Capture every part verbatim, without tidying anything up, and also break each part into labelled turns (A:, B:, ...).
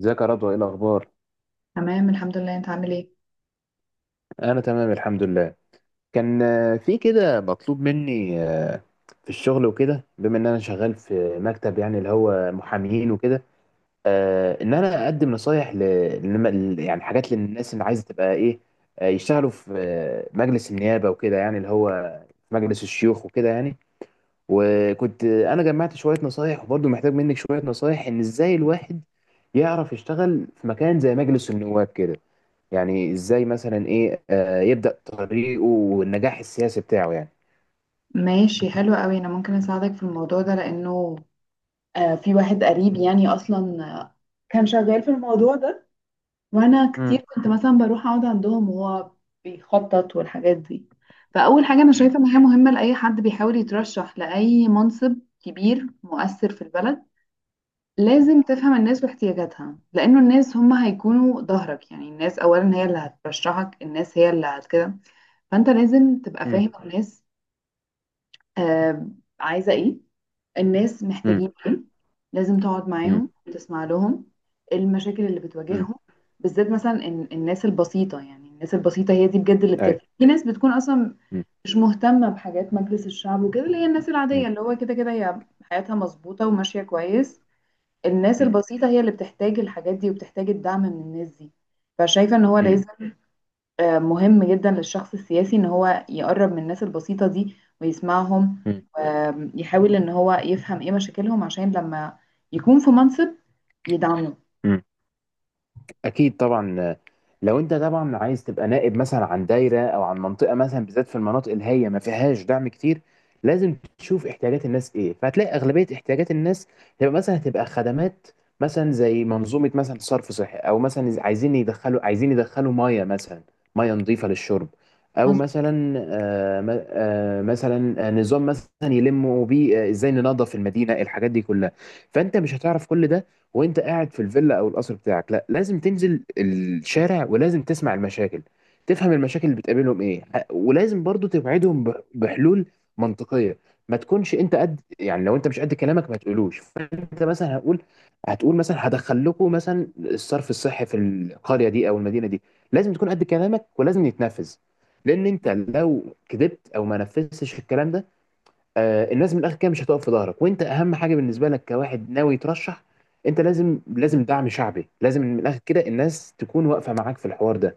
A: ازيك يا رضوى، ايه الاخبار؟
B: تمام الحمد لله، انت عامل ايه؟
A: انا تمام الحمد لله. كان آه، في كده مطلوب مني آه، في الشغل وكده، بما ان انا شغال في مكتب، يعني اللي هو محامين وكده. آه، ان انا اقدم نصايح ل... لم- ل- يعني حاجات للناس اللي عايزه تبقى ايه، آه، يشتغلوا في آه، مجلس النيابه وكده، يعني اللي هو في مجلس الشيوخ وكده يعني. وكنت آه، انا جمعت شويه نصايح، وبرضه محتاج منك شويه نصايح، ان ازاي الواحد يعرف يشتغل في مكان زي مجلس النواب كده، يعني ازاي مثلا ايه آه، يبدأ طريقه والنجاح السياسي بتاعه يعني.
B: ماشي، حلو قوي. انا ممكن اساعدك في الموضوع ده لانه آه، في واحد قريب يعني اصلا آه، كان شغال في الموضوع ده، وانا كتير
A: مم.
B: كنت مثلا بروح اقعد عندهم وهو بيخطط والحاجات دي. فاول حاجه انا
A: مم.
B: شايفه ان هي مهمه لاي حد بيحاول يترشح لاي منصب كبير مؤثر في البلد، لازم تفهم الناس واحتياجاتها، لانه الناس هم هيكونوا ظهرك. يعني الناس اولا هي اللي هترشحك، الناس هي اللي هت كده. فانت لازم تبقى
A: مم.
B: فاهم الناس، آه، عايزة ايه، الناس
A: مم.
B: محتاجين ايه. لازم تقعد
A: مم.
B: معاهم وتسمع لهم المشاكل اللي
A: مم.
B: بتواجههم، بالذات مثلا إن- الناس البسيطة. يعني الناس البسيطة هي دي بجد اللي بتفرق،
A: ايوه.
B: في ناس بتكون اصلا
A: مم.
B: مش مهتمة بحاجات مجلس الشعب وكده، اللي هي الناس
A: مم.
B: العادية اللي هو كده كده هي حياتها مظبوطة وماشية كويس. الناس
A: مم.
B: البسيطة هي اللي بتحتاج الحاجات دي وبتحتاج الدعم من الناس دي. فشايفة ان هو لازم آه، مهم جدا للشخص السياسي ان هو يقرب من الناس البسيطة دي ويسمعهم،
A: مم.
B: ويحاول ان هو يفهم ايه مشاكلهم، عشان لما يكون في منصب يدعمه.
A: مم. اكيد طبعا. لو انت طبعا عايز تبقى نائب مثلا عن دايره او عن منطقه، مثلا بالذات في المناطق اللي هي ما فيهاش دعم كتير، لازم تشوف احتياجات الناس ايه. فهتلاقي اغلبيه احتياجات الناس تبقى مثلا هتبقى خدمات، مثلا زي منظومه مثلا صرف صحي، او مثلا عايزين يدخلوا عايزين يدخلوا ميه مثلا، ميه نظيفه للشرب، او
B: مظ-
A: مثلا آه م- آه مثلا آه، نظام مثلا يلموا بيه آه، ازاي ننظف المدينه، الحاجات دي كلها. فانت مش هتعرف كل ده وانت قاعد في الفيلا او القصر بتاعك. لا، لازم تنزل الشارع، ولازم تسمع المشاكل، تفهم المشاكل اللي بتقابلهم ايه، ح- ولازم برضو توعدهم ب- بحلول منطقية. ما تكونش انت قد، يعني لو انت مش قد كلامك ما تقولوش. فانت مثلا هقول هتقول مثلا هدخل لكم مثلا الصرف الصحي في القرية دي او المدينة دي، لازم تكون قد كلامك ولازم يتنفذ. لان انت لو كذبت او ما نفذتش الكلام ده، آه، الناس من الاخر كده مش هتقف في ظهرك. وانت اهم حاجه بالنسبه لك كواحد ناوي يترشح، انت لازم، لازم دعم شعبي، لازم من الاخر كده الناس تكون واقفه معاك في الحوار ده.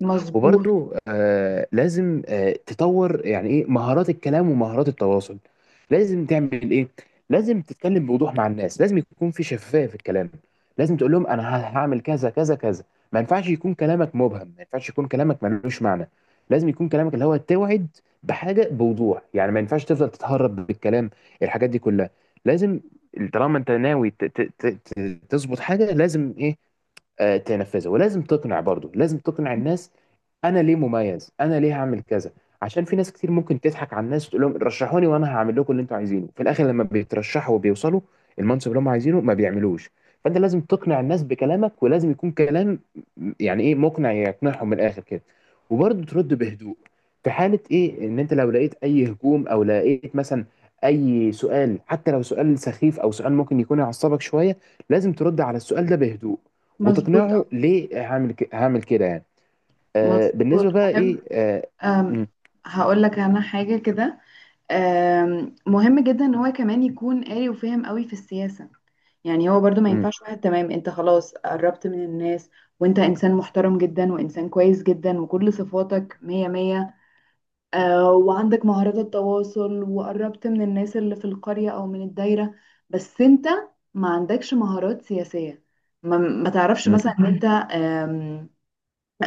B: مظبوط.
A: وبرضو آه لازم آه تطور، يعني ايه؟ مهارات الكلام ومهارات التواصل. لازم تعمل ايه؟ لازم تتكلم بوضوح مع الناس، لازم يكون في شفافية في الكلام. لازم تقول لهم انا ه- هعمل كذا كذا كذا. ما ينفعش يكون كلامك مبهم، ما ينفعش يكون كلامك ملوش معنى. لازم يكون كلامك اللي هو توعد بحاجة بوضوح، يعني ما ينفعش تفضل تتهرب بالكلام. الحاجات دي كلها لازم. طالما انت ناوي ت- ت- ت- ت- تظبط حاجة، لازم ايه؟ آه، تنفذها، ولازم تقنع برضو، لازم تقنع الناس انا ليه مميز، انا ليه هعمل كذا. عشان في ناس كتير ممكن تضحك على الناس، تقول لهم رشحوني وانا هعمل لكم اللي انتوا عايزينه، في الاخر لما بيترشحوا وبيوصلوا المنصب اللي هم عايزينه ما بيعملوش. فانت لازم تقنع الناس بكلامك، ولازم يكون كلام يعني ايه؟ مقنع، يقنعهم من الاخر كده. وبرضه ترد بهدوء في حالة ايه؟ ان انت لو لقيت اي هجوم، او لقيت مثلا اي سؤال، حتى لو سؤال سخيف او سؤال ممكن يكون يعصبك شوية، لازم ترد على السؤال ده بهدوء،
B: مظبوط. آه،
A: وتقنعه ليه هعمل ك- هعمل كده يعني. آه
B: مظبوط،
A: بالنسبه بقى
B: مهم.
A: ايه، آه
B: آم،
A: م-
B: هقول لك انا حاجة كده. آم، مهم جدا ان هو كمان يكون قاري وفاهم قوي في السياسة. يعني هو برضو ما
A: م-
B: ينفعش واحد تمام، انت خلاص قربت من الناس، وانت انسان محترم جدا وانسان كويس جدا وكل صفاتك مية مية، آه، وعندك مهارات التواصل وقربت من الناس اللي في القرية أو من الدايرة، بس أنت ما عندكش مهارات سياسية. ما, ما تعرفش
A: م-
B: مثلا إن أنت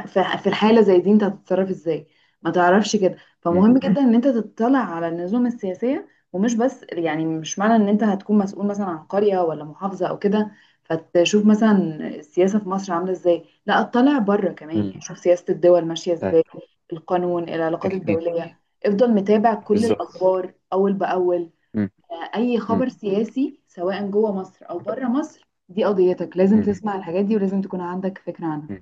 B: ف- في الحالة زي دي انت هتتصرف ازاي، ما تعرفش كده.
A: م-
B: فمهم جدا ان انت تطلع على النظم السياسية، ومش بس، يعني مش معنى ان انت هتكون مسؤول مثلا عن قرية ولا محافظة او كده فتشوف مثلا السياسة في مصر عاملة ازاي، لا اطلع بره كمان.
A: م.
B: يعني شوف سياسة الدول ماشية
A: آه،
B: ازاي، القانون، العلاقات
A: اكيد،
B: الدولية. افضل متابع كل
A: بالظبط.
B: الاخبار اول باول.
A: م-
B: آه، اي
A: م-
B: خبر سياسي سواء جوه مصر او بره مصر دي قضيتك، لازم
A: م-
B: تسمع الحاجات دي ولازم تكون عندك فكرة عنها.
A: م.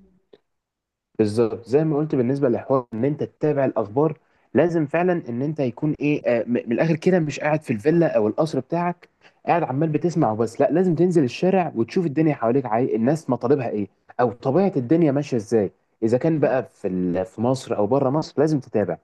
A: بالظبط زي ما قلت بالنسبه للحوار، ان انت تتابع الاخبار، لازم فعلا ان انت يكون ايه آه م- من الاخر كده مش قاعد في الفيلا او القصر بتاعك قاعد عمال بتسمع وبس. لا، لازم تنزل الشارع وتشوف الدنيا حواليك، عاي... الناس مطالبها ايه، او طبيعه الدنيا ماشيه ازاي. اذا كان بقى في ال- في مصر او بره مصر، لازم تتابع.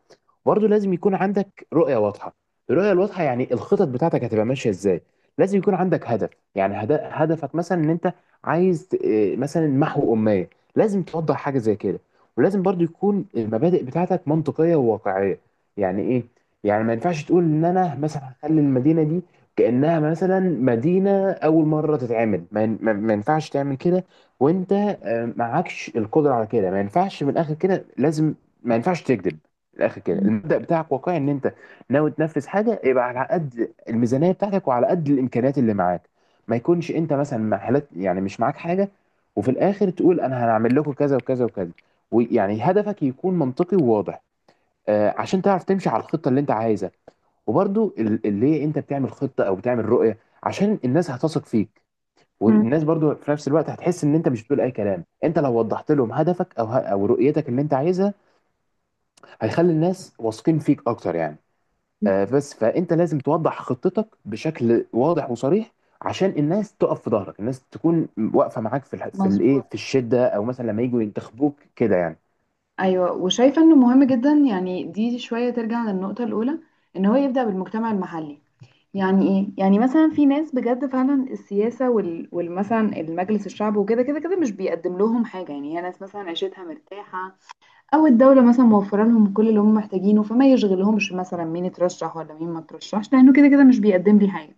A: برضه لازم يكون عندك رؤية واضحة. الرؤية الواضحة يعني الخطط بتاعتك هتبقى ماشية ازاي. لازم يكون عندك هدف، يعني هد- هدفك مثلا ان انت عايز ت- إيه، مثلا محو أمية. لازم توضح حاجة زي كده، ولازم برضه يكون المبادئ بتاعتك منطقية وواقعية. يعني ايه؟ يعني ما ينفعش تقول ان انا مثلا هخلي المدينة دي كأنها مثلا مدينة أول مرة تتعمل. ما ين- ما- ما ينفعش تعمل كده، وانت آه، معكش القدرة على كده. ما ينفعش من الآخر كده لازم. ما ينفعش تكذب، الاخر كده المبدأ بتاعك واقعي. ان انت ناوي تنفذ حاجه، يبقى على قد الميزانيه بتاعتك وعلى قد الامكانيات اللي معاك. ما يكونش انت مثلا محلات يعني مش معاك حاجه وفي الاخر تقول انا هنعمل لكم كذا وكذا وكذا. ويعني هدفك يكون منطقي وواضح، آه عشان تعرف تمشي على الخطه اللي انت عايزها. وبرضو ال- اللي انت بتعمل خطه او بتعمل رؤيه، عشان الناس هتثق فيك. والناس برضو في نفس الوقت هتحس ان انت مش بتقول اي كلام. انت لو وضحت لهم هدفك او ه- او رؤيتك اللي انت عايزها، هيخلي الناس واثقين فيك اكتر يعني. آه، بس فانت لازم توضح خطتك بشكل واضح وصريح، عشان الناس تقف في ظهرك، الناس تكون واقفه معاك في الح... في الايه،
B: مظبوط.
A: في الشده او مثلا لما يجوا ينتخبوك كده يعني.
B: ايوه، وشايفه انه مهم جدا، يعني دي شويه ترجع للنقطه الاولى، ان هو يبدا بالمجتمع المحلي. يعني ايه؟ يعني مثلا في ناس بجد فعلا السياسه وال... والمثلا المجلس الشعب وكده كده كده مش بيقدم لهم حاجه، يعني هي ناس مثلا عيشتها مرتاحه، او الدوله مثلا موفره لهم كل اللي هم محتاجينه، فما يشغلهمش مثلا مين اترشح ولا مين ما اترشحش لانه كده كده مش بيقدم لي حاجه.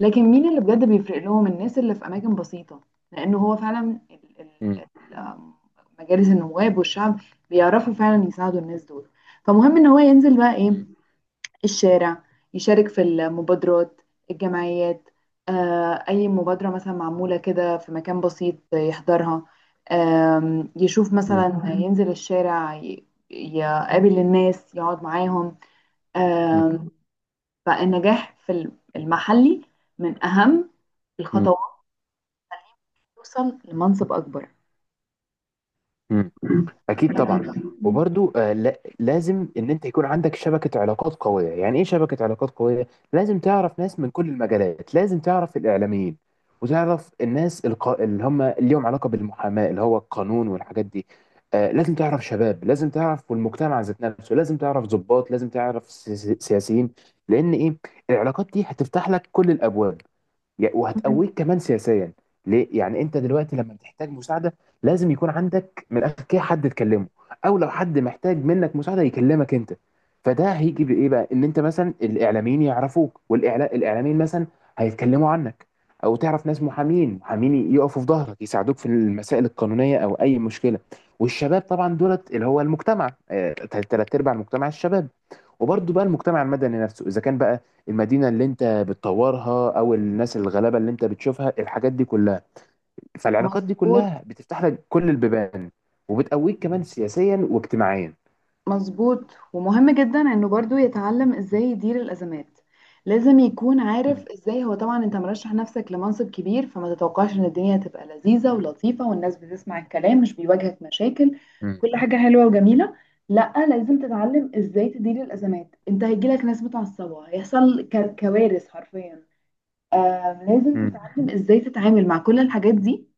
B: لكن مين اللي بجد بيفرق لهم؟ الناس اللي في اماكن بسيطه، لانه هو فعلا ال- ال-
A: مم.
B: ال- مجالس النواب والشعب بيعرفوا فعلا يساعدوا الناس دول. فمهم ان هو ينزل بقى ايه،
A: مم.
B: الشارع، يشارك في المبادرات، الجمعيات. آه اي مبادره مثلا معموله كده في مكان بسيط يحضرها. آم، يشوف
A: مم.
B: مثلا، ينزل الشارع ي- يقابل الناس، يقعد معاهم. آم، فالنجاح في المحلي من أهم
A: مم.
B: الخطوات توصل لمنصب أكبر.
A: مم. اكيد طبعا. وبرضو آه، لا لازم ان انت يكون عندك شبكه علاقات قويه. يعني ايه شبكه علاقات قويه؟ لازم تعرف ناس من كل المجالات، لازم تعرف الاعلاميين وتعرف الناس الق... اللي هم ليهم علاقه بالمحاماه اللي هو القانون والحاجات دي. آه، لازم تعرف شباب، لازم تعرف والمجتمع ذات نفسه، لازم تعرف ضباط، لازم تعرف سي- سي- سياسيين. لان ايه؟ العلاقات دي هتفتح لك كل الابواب، يا- وهتقويك كمان سياسيا. ليه يعني؟ انت دلوقتي لما بتحتاج مساعده، لازم يكون عندك من الاخر كده حد تكلمه، او لو حد محتاج منك مساعده يكلمك انت. فده هيجي بايه بقى؟ ان انت مثلا الاعلاميين يعرفوك والاعلاميين مثلا هيتكلموا عنك، او تعرف ناس محامين محامين يقفوا في ظهرك يساعدوك في المسائل القانونيه او اي مشكله. والشباب طبعا دولت اللي هو المجتمع، آه، تلات ارباع المجتمع الشباب. وبرضه بقى المجتمع المدني نفسه، اذا كان بقى المدينه اللي انت بتطورها او الناس الغلابه اللي انت بتشوفها، الحاجات دي كلها، فالعلاقات دي
B: مظبوط.
A: كلها بتفتح لك كل البيبان، وبتقويك كمان سياسيا واجتماعيا.
B: مظبوط ومهم جدا انه برضو يتعلم ازاي يدير الازمات. لازم يكون عارف
A: مم.
B: ازاي، هو طبعا انت مرشح نفسك لمنصب كبير، فما تتوقعش ان الدنيا هتبقى لذيذة ولطيفة والناس بتسمع الكلام مش بيواجهك مشاكل،
A: مم.
B: كل حاجة حلوة وجميلة. لا، لازم تتعلم ازاي تدير الازمات. انت هيجيلك ناس متعصبة، هيحصل ك- كوارث حرفيا. آم، لازم
A: مم.
B: تتعلم ازاي تتعامل مع كل الحاجات دي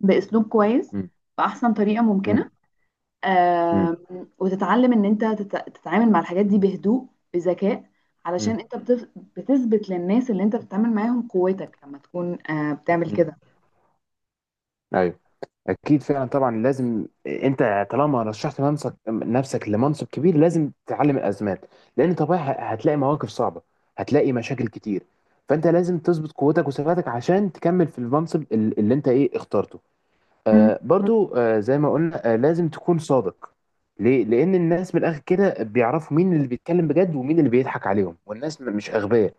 B: باسلوب كويس،
A: مم.
B: باحسن طريقه
A: مم.
B: ممكنه.
A: مم.
B: آم، وتتعلم ان انت تت- تتعامل مع الحاجات دي بهدوء، بذكاء،
A: مم.
B: علشان انت بتف- بتثبت للناس اللي انت بتتعامل معاهم قوتك لما تكون آه، بتعمل
A: مم.
B: كده.
A: ايوه. اكيد فعلا طبعا. لازم انت طالما رشحت منصب نفسك لمنصب كبير، لازم تتعلم الازمات. لان طبيعي ه- هتلاقي مواقف صعبه، هتلاقي مشاكل كتير. فانت لازم تظبط قوتك وثباتك عشان تكمل في المنصب ال- اللي انت ايه اخترته. آه برضو آه زي ما قلنا، آه لازم تكون صادق. ليه؟ لأن الناس من الآخر كده بيعرفوا مين اللي بيتكلم بجد ومين اللي بيضحك عليهم، والناس م- مش أغبياء.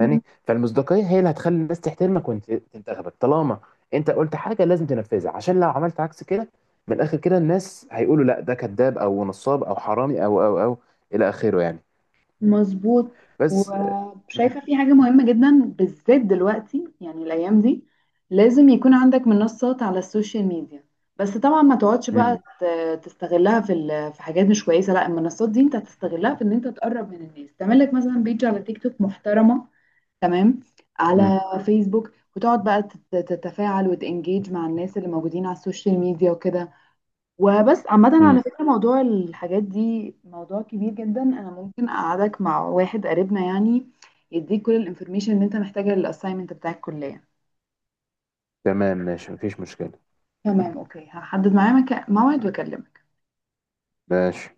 B: مم.
A: فالمصداقية هي اللي هتخلي الناس تحترمك وانت تنتخبك. طالما انت قلت حاجة لازم تنفذها، عشان لو عملت عكس كده، من الآخر كده الناس هيقولوا لا ده كذاب أو نصاب أو حرامي أو أو أو إلى آخره يعني.
B: مظبوط.
A: بس. مم.
B: وشايفة في حاجة مهمة جدا، بالذات دلوقتي يعني الأيام دي، لازم يكون عندك منصات على السوشيال ميديا. بس طبعا ما تقعدش بقى
A: مم.
B: ت- تستغلها في ال- في حاجات مش كويسة. لا، المنصات دي انت هتستغلها في ان انت تقرب من الناس، تعمل لك مثلا بيج على تيك توك محترمة، تمام،
A: مم.
B: على فيسبوك، وتقعد بقى تت- تتفاعل وتنجيج مع الناس اللي موجودين على السوشيال ميديا وكده. وبس، عامة على
A: مم.
B: فكرة موضوع الحاجات دي موضوع كبير جدا، أنا ممكن أقعدك مع واحد قريبنا يعني يديك كل الانفورميشن اللي أنت محتاجها للأسايمنت بتاع الكلية.
A: تمام ماشي مفيش مشكلة.
B: تمام، أوكي، هحدد معاه مكا- موعد وأكلمك.
A: ماشي.